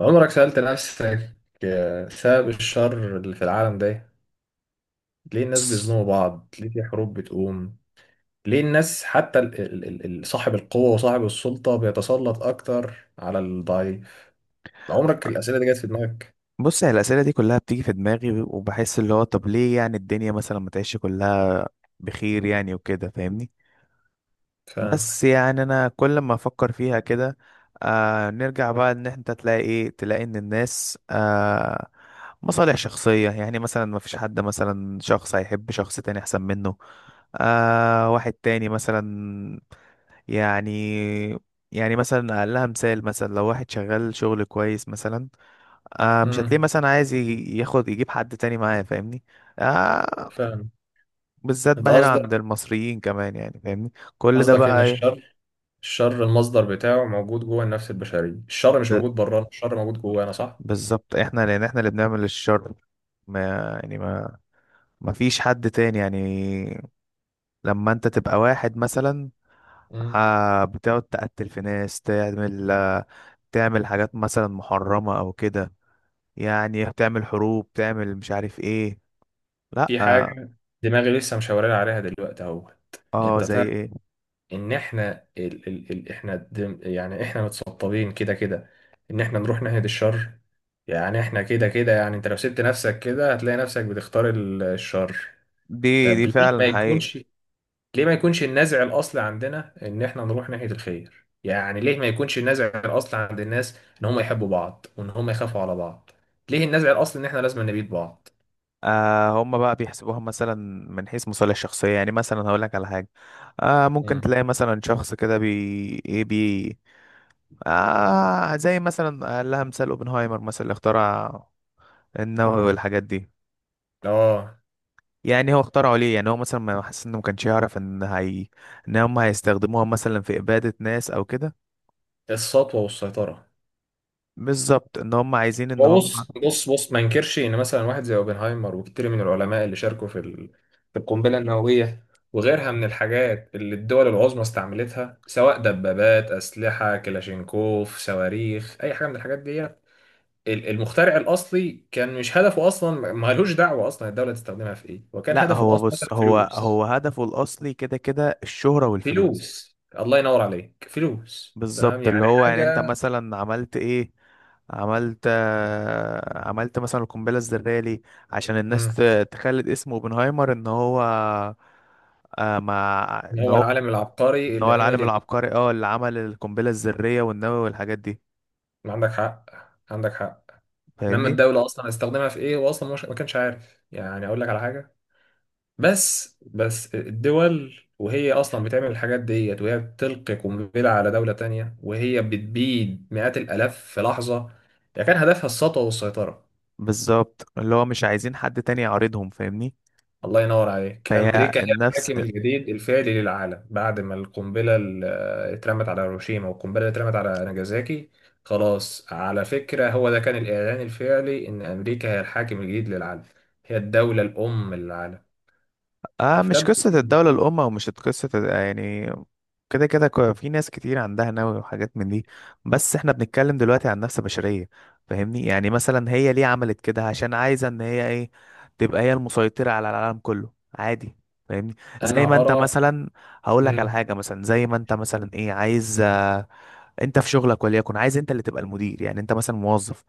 عمرك سألت نفسك؟ سبب الشر اللي في العالم ده. ليه الناس بص بيظلموا بعض؟ ليه في حروب بتقوم؟ ليه الناس، حتى صاحب القوة وصاحب السلطة بيتسلط أكتر على الضعيف؟ عمرك الأسئلة دي جت في دماغك؟ بص، هي الأسئلة دي كلها بتيجي في دماغي، وبحس اللي هو طب ليه؟ يعني الدنيا مثلا ما تعيش كلها بخير، يعني وكده فاهمني؟ فاهم. بس يعني أنا كل ما أفكر فيها كده، نرجع بقى إن أنت تلاقي إيه، تلاقي إن الناس مصالح شخصية. يعني مثلا ما فيش حد، مثلا شخص هيحب شخص تاني أحسن منه، واحد تاني مثلا. يعني يعني مثلا أقلها مثال، مثلا لو واحد شغال شغل كويس مثلا، مش هتلاقيه امم. مثلا عايز ياخد يجيب حد تاني معاه، فاهمني؟ آه فاهم. بالذات أنت بقى هنا عند قصدك المصريين كمان، يعني فاهمني؟ كل ده قصدك إن بقى ايه؟ الشر، الشر المصدر بتاعه موجود جوه النفس البشرية، الشر مش ب- موجود بره، الشر موجود جوانا، صح؟ بالظبط احنا، لان احنا اللي بنعمل الشر. ما يعني ما ما فيش حد تاني، يعني لما انت تبقى واحد مثلا، امم. بتقعد تقتل في ناس، تعمل تعمل حاجات مثلا محرمة او كده، يعني تعمل حروب، تعمل مش عارف ايه. لا. في حاجة دماغي لسه مشاورين عليها دلوقتي أهو. اه، زي انت، ايه؟ ان احنا يعني احنا متسطبين كده كده، ان احنا نروح ناحية الشر. يعني احنا كده كده، يعني انت لو سبت نفسك كده هتلاقي نفسك بتختار الشر. دي طب دي ليه ما فعلا حقيقة. يكونش؟ ليه ما يكونش النزع الاصلي عندنا ان احنا نروح ناحية الخير؟ يعني ليه ما يكونش النزع الاصلي عند الناس ان هم يحبوا بعض وان هم يخافوا على بعض؟ ليه النزع الاصلي ان احنا لازم نبيد بعض؟ هم بقى بيحسبوها مثلا من حيث مصالح شخصية، يعني مثلا هقول لك على حاجة. ممكن مم. تلاقي مثلا شخص كده بي ايه بي زي مثلا قال لها مثال اوبنهايمر، مثلا اللي اخترع النووي والحاجات دي. اه. يعني هو اخترعه ليه؟ يعني هو مثلا ما حاسس انه، ما كانش يعرف ان هي، ان هم هيستخدموها مثلا في إبادة ناس او كده؟ السطوة والسيطرة. بالظبط، ان هم عايزين ان هو هم... بص بص بص، ما انكرش ان مثلا واحد زي اوبنهايمر وكتير من العلماء اللي شاركوا في القنبله النوويه وغيرها من الحاجات اللي الدول العظمى استعملتها، سواء دبابات، اسلحه كلاشينكوف، صواريخ، اي حاجه من الحاجات دي. المخترع الاصلي كان مش هدفه، اصلا ما لهوش دعوه اصلا الدوله تستخدمها في ايه، وكان لا، هدفه هو الاصلي مثلا بص، هو فلوس. هو هدفه الاصلي كده كده الشهرة والفلوس. فلوس، الله ينور عليك، فلوس، تمام، بالظبط اللي يعني هو، يعني انت حاجه. مثلا عملت ايه؟ عملت مثلا القنبله الذريه ليه؟ عشان الناس مم. تخلد اسم اوبنهايمر ان هو، آه مع ان هو هو العالم العبقري ان اللي هو عمل العالم ال. العبقري اللي عمل القنبله الذريه والنووي والحاجات دي. عندك حق، عندك حق. انما فاهمني؟ الدوله اصلا هتستخدمها في ايه؟ هو اصلا مش، ما كانش عارف، يعني اقول لك على حاجه. بس الدول، وهي اصلا بتعمل الحاجات ديت وهي بتلقي قنبله على دوله تانية وهي بتبيد مئات الالاف في لحظه، هي كان هدفها السطوه والسيطره. بالظبط اللي هو مش عايزين حد تاني يعارضهم، فاهمني؟ الله ينور عليك، فهي أمريكا هي النفس الحاكم الجديد الفعلي للعالم بعد ما القنبلة اللي اترمت على هيروشيما والقنبلة اللي اترمت على ناجازاكي. خلاص، على فكرة، هو ده كان الإعلان الفعلي إن أمريكا هي الحاكم الجديد للعالم. هي الدولة الأم للعالم. مش أفتبر. قصة الدولة الأم، أو مش قصة يعني. كده كده، في ناس كتير عندها نووي وحاجات من دي، بس احنا بنتكلم دلوقتي عن نفس بشرية. فاهمني؟ يعني مثلا هي ليه عملت كده؟ عشان عايزة ان هي ايه، تبقى هي المسيطرة على العالم كله عادي. فاهمني؟ زي ما أنا انت أرى. مثلا، هقول لك على مم. حاجة. مثلا زي ما انت مثلا ايه عايز انت في شغلك، وليكن عايز انت اللي تبقى المدير. يعني انت مثلا موظف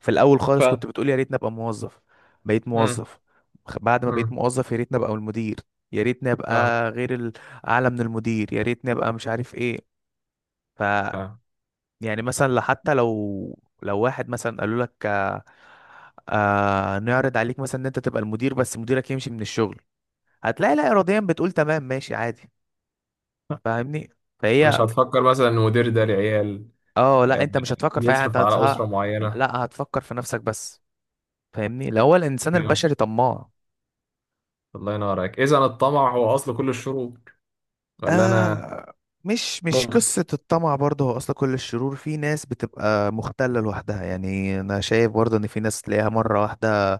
في الاول خالص، كنت فاهم. بتقول يا ريتني ابقى موظف. بقيت مم. موظف، بعد ما بقيت مم. موظف يا ريتني ابقى المدير، يا ريتني فاهم. ابقى غير اعلى من المدير، يا ريتني ابقى مش عارف ايه. ف فاهم. يعني مثلا حتى لو واحد مثلا قالوا لك نعرض عليك مثلا ان انت تبقى المدير بس مديرك يمشي من الشغل، هتلاقي لا اراديا بتقول تمام ماشي عادي. فاهمني؟ مش فهي هتفكر مثلا إن المدير ده لعيال، اه لا، آه، انت مش هتفكر في اي حاجه، بيصرف على أسرة معينة؟ لا، هتفكر في نفسك بس. فاهمني؟ اللي هو الانسان كده. البشري طماع. الله ينور عليك. إذا الطمع هو أصل كل الشرور، ولا أنا؟ آه مش ممكن. قصة الطمع برضه هو أصل كل الشرور، في ناس بتبقى مختلة لوحدها، يعني أنا شايف برضه إن في ناس تلاقيها مرة واحدة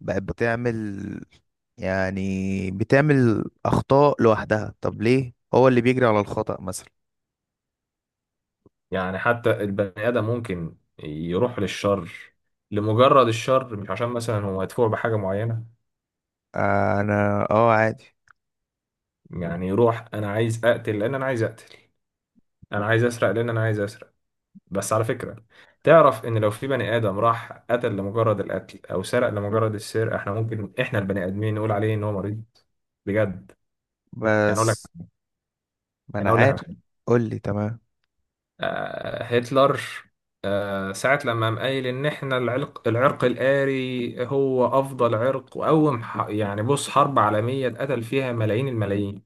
بقت بتعمل، يعني بتعمل أخطاء لوحدها. طب ليه؟ هو اللي بيجري على الخطأ مثلا. يعني حتى البني آدم ممكن يروح للشر لمجرد الشر، مش عشان مثلا هو مدفوع بحاجة معينة. أنا عادي. يعني يروح: أنا عايز أقتل لأن أنا عايز أقتل، أنا عايز أسرق لأن أنا عايز أسرق. بس على فكرة، تعرف إن لو في بني آدم راح قتل لمجرد القتل أو سرق لمجرد السرقة، إحنا ممكن، إحنا البني آدمين، نقول عليه إن هو مريض. بجد. يعني أقول لك بس ما يعني أنا أقول لك على عارف. حاجة. قول لي تمام. هتلر ساعة لما قام قايل ان احنا العرق الآري هو افضل عرق، يعني بص، حرب عالمية اتقتل فيها ملايين الملايين.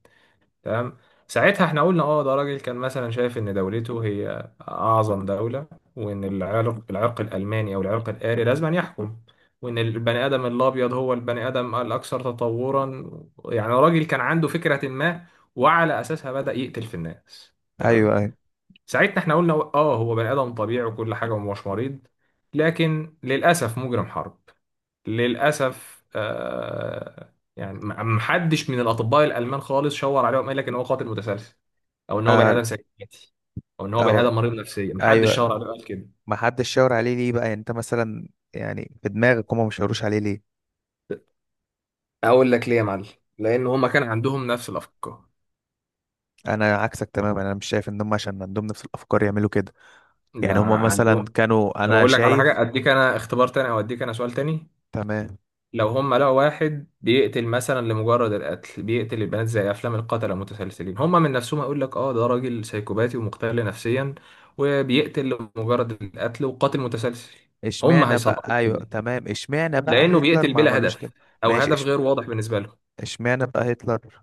تمام. ساعتها احنا قلنا: اه، ده راجل كان مثلا شايف ان دولته هي اعظم دولة، وان العرق الالماني او العرق الآري لازم أن يحكم، وان البني ادم الابيض هو البني ادم الاكثر تطورا. يعني راجل كان عنده فكرة ما، وعلى اساسها بدأ يقتل في الناس. تمام. أيوه، أيوه، ساعتها احنا قلنا: اه، هو بني ادم طبيعي وكل حاجه ومش مريض. لكن للاسف مجرم حرب. للاسف، يعني محدش من الاطباء الالمان خالص شاور عليه وقال لك ان هو قاتل متسلسل، او ان هو بني آه. ادم سيكاتي، او ان هو بني أو، ادم مريض نفسيا، محدش شاور أيوه. عليه وقال كده. ما حدش شاور عليه ليه بقى؟ يعني انت مثلا، يعني في دماغك هما مش شاوروش عليه ليه؟ اقول لك ليه يا معلم، لان هما كان عندهم نفس الافكار. انا عكسك تماما، انا مش شايف ان هم عشان عندهم نفس الافكار يعملوا كده. لا، يعني هما مثلا عندهم. كانوا، طب انا اقول لك على حاجه، شايف. اديك انا اختبار تاني او اديك انا سؤال تاني. تمام. لو هم لقوا واحد بيقتل مثلا لمجرد القتل، بيقتل البنات زي افلام القتلة المتسلسلين، هم من نفسهم يقول لك اه ده راجل سايكوباتي ومختل نفسيا، وبيقتل لمجرد القتل وقاتل متسلسل. هم اشمعنى هيصنفوه بقى؟ ايوه كده تمام، اشمعنى بقى لانه هتلر بيقتل ما بلا عملوش هدف، كده؟ او ماشي، هدف غير واضح بالنسبة لهم. اشمعنى بقى هتلر؟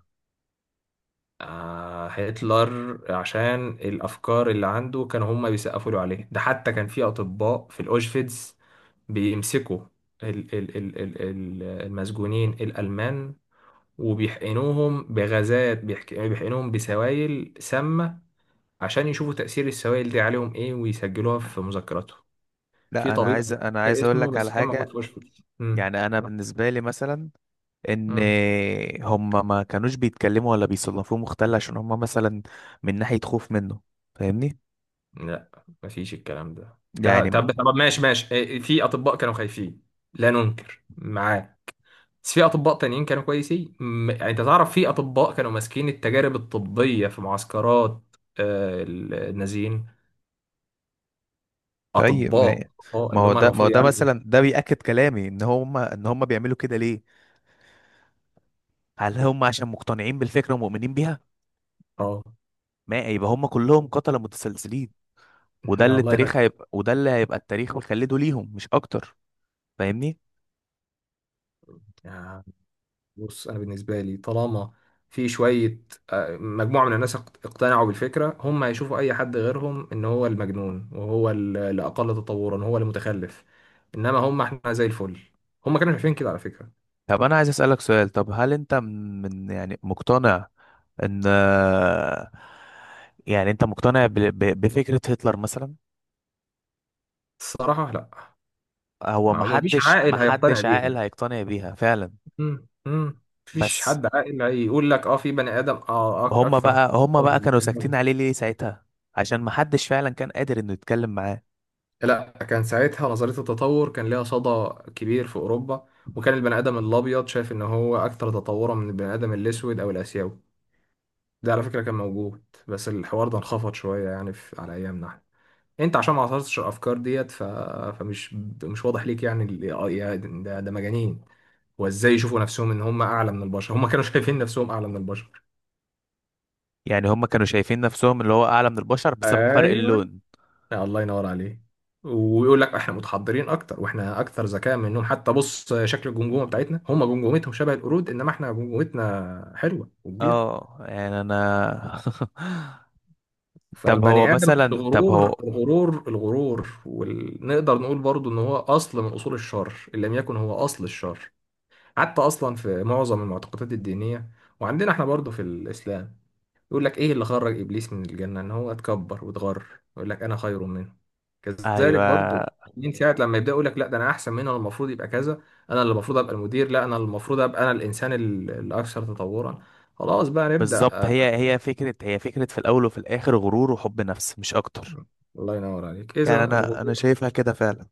آه، هتلر عشان الافكار اللي عنده كانوا هم بيسقفوا له عليه. ده حتى كان في اطباء في الاوشفيتس بيمسكوا المسجونين الألمان وبيحقنوهم بغازات، يعني بيحقنوهم بسوائل سامة، عشان يشوفوا تأثير السوائل دي عليهم إيه ويسجلوها في مذكراتهم. في لا، انا طبيب أنا عايز، مش فاكر اقول اسمه لك بس على كان موجود في حاجه. واشنطن. مم. يعني انا بالنسبه لي مثلا، ان مم. هم ما كانوش بيتكلموا ولا بيصنفوه مختل، عشان هم مثلا من ناحيه خوف منه. فاهمني؟ لا، مفيش الكلام ده. يعني طب، طب، ماشي ماشي، في أطباء كانوا خايفين، لا ننكر معاه. بس في أطباء تانيين كانوا كويسين، يعني أنت تعرف في أطباء كانوا ماسكين التجارب الطبية في معسكرات، النازيين. طيب أطباء ما، أطباء اللي هم ما هو المفروض ده يعالجوا. مثلا ده بيأكد كلامي ان هم، بيعملوا كده ليه؟ هل هم عشان مقتنعين بالفكره ومؤمنين بيها؟ اه، ما يبقى هم كلهم قتله متسلسلين، وده لا، اللي الله ينك. هيبقى التاريخ مخلده ليهم مش اكتر. فاهمني؟ يعني بص، انا بالنسبه لي، طالما في شويه، مجموعه من الناس اقتنعوا بالفكره، هم هيشوفوا اي حد غيرهم ان هو المجنون، وهو اللي اقل تطورا هو المتخلف. انما هم، احنا زي الفل. هم كانوا شايفين كده على فكره. طب انا عايز اسألك سؤال، طب هل انت يعني مقتنع، ان يعني انت مقتنع بفكره هتلر مثلا؟ الصراحه، لا. هو ما فيش محدش عاقل هيقتنع محدش عاقل بيها. هيقتنع بيها فعلا. مم، مم. مفيش بس حد عاقل هيقول لك في بني ادم، هما اكثر بقى هما تطورا بقى من كانوا بني ساكتين آدم. عليه ليه ساعتها؟ عشان محدش فعلا كان قادر انه يتكلم معاه. لا، كان ساعتها نظرية التطور كان ليها صدى كبير في أوروبا، وكان البني آدم الأبيض شايف إن هو أكتر تطورا من البني آدم الأسود أو الآسيوي. ده على فكرة كان موجود، بس الحوار ده انخفض شوية يعني في على أيامنا احنا. أنت عشان ما عاصرتش الأفكار ديت فمش، مش واضح ليك. يعني ده مجانين. وإزاي يشوفوا نفسهم إن هم أعلى من البشر؟ هم كانوا شايفين نفسهم أعلى من البشر. يعني هما كانوا شايفين نفسهم اللي هو اعلى من البشر بسبب فرق أيوه. اللون؟ آه، الله ينور عليه. ويقول لك احنا متحضرين اكتر واحنا اكثر ذكاء منهم، حتى بص شكل الجمجمه بتاعتنا، هم جمجمتهم شبه القرود، انما احنا جمجمتنا حلوه وكبيره. اه يعني انا طب هو فالبني ادم، مثلا، طب الغرور هو الغرور الغرور، ونقدر نقول برضو ان هو اصل من اصول الشر، ان لم يكن هو اصل الشر. حتى اصلا في معظم المعتقدات الدينيه، وعندنا احنا برضو في الاسلام يقول لك: ايه اللي خرج ابليس من الجنه؟ ان هو اتكبر واتغر، يقول لك انا خير منه. كذلك برضو، ايوه من ساعه لما يبدا يقول لك لا ده انا احسن منه، انا المفروض يبقى كذا، انا اللي المفروض ابقى المدير، لا انا المفروض ابقى انا الانسان الاكثر تطورا، خلاص بقى بالظبط، نبدا. هي فكرة في الاول وفي الاخر غرور وحب نفس مش اكتر. الله ينور عليك، اذا يعني انا الغرور. شايفها كده فعلا.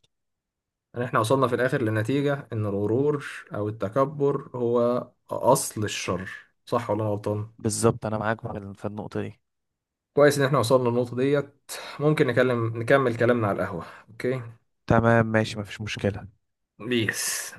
يعني احنا وصلنا في الاخر للنتيجه ان الغرور او التكبر هو اصل الشر، صح ولا أنا غلطان؟ بالظبط انا معاك في في النقطة دي. كويس ان احنا وصلنا للنقطه ديت. ممكن نكمل كلامنا على القهوه. اوكي. تمام ماشي، مفيش مشكلة. بيس.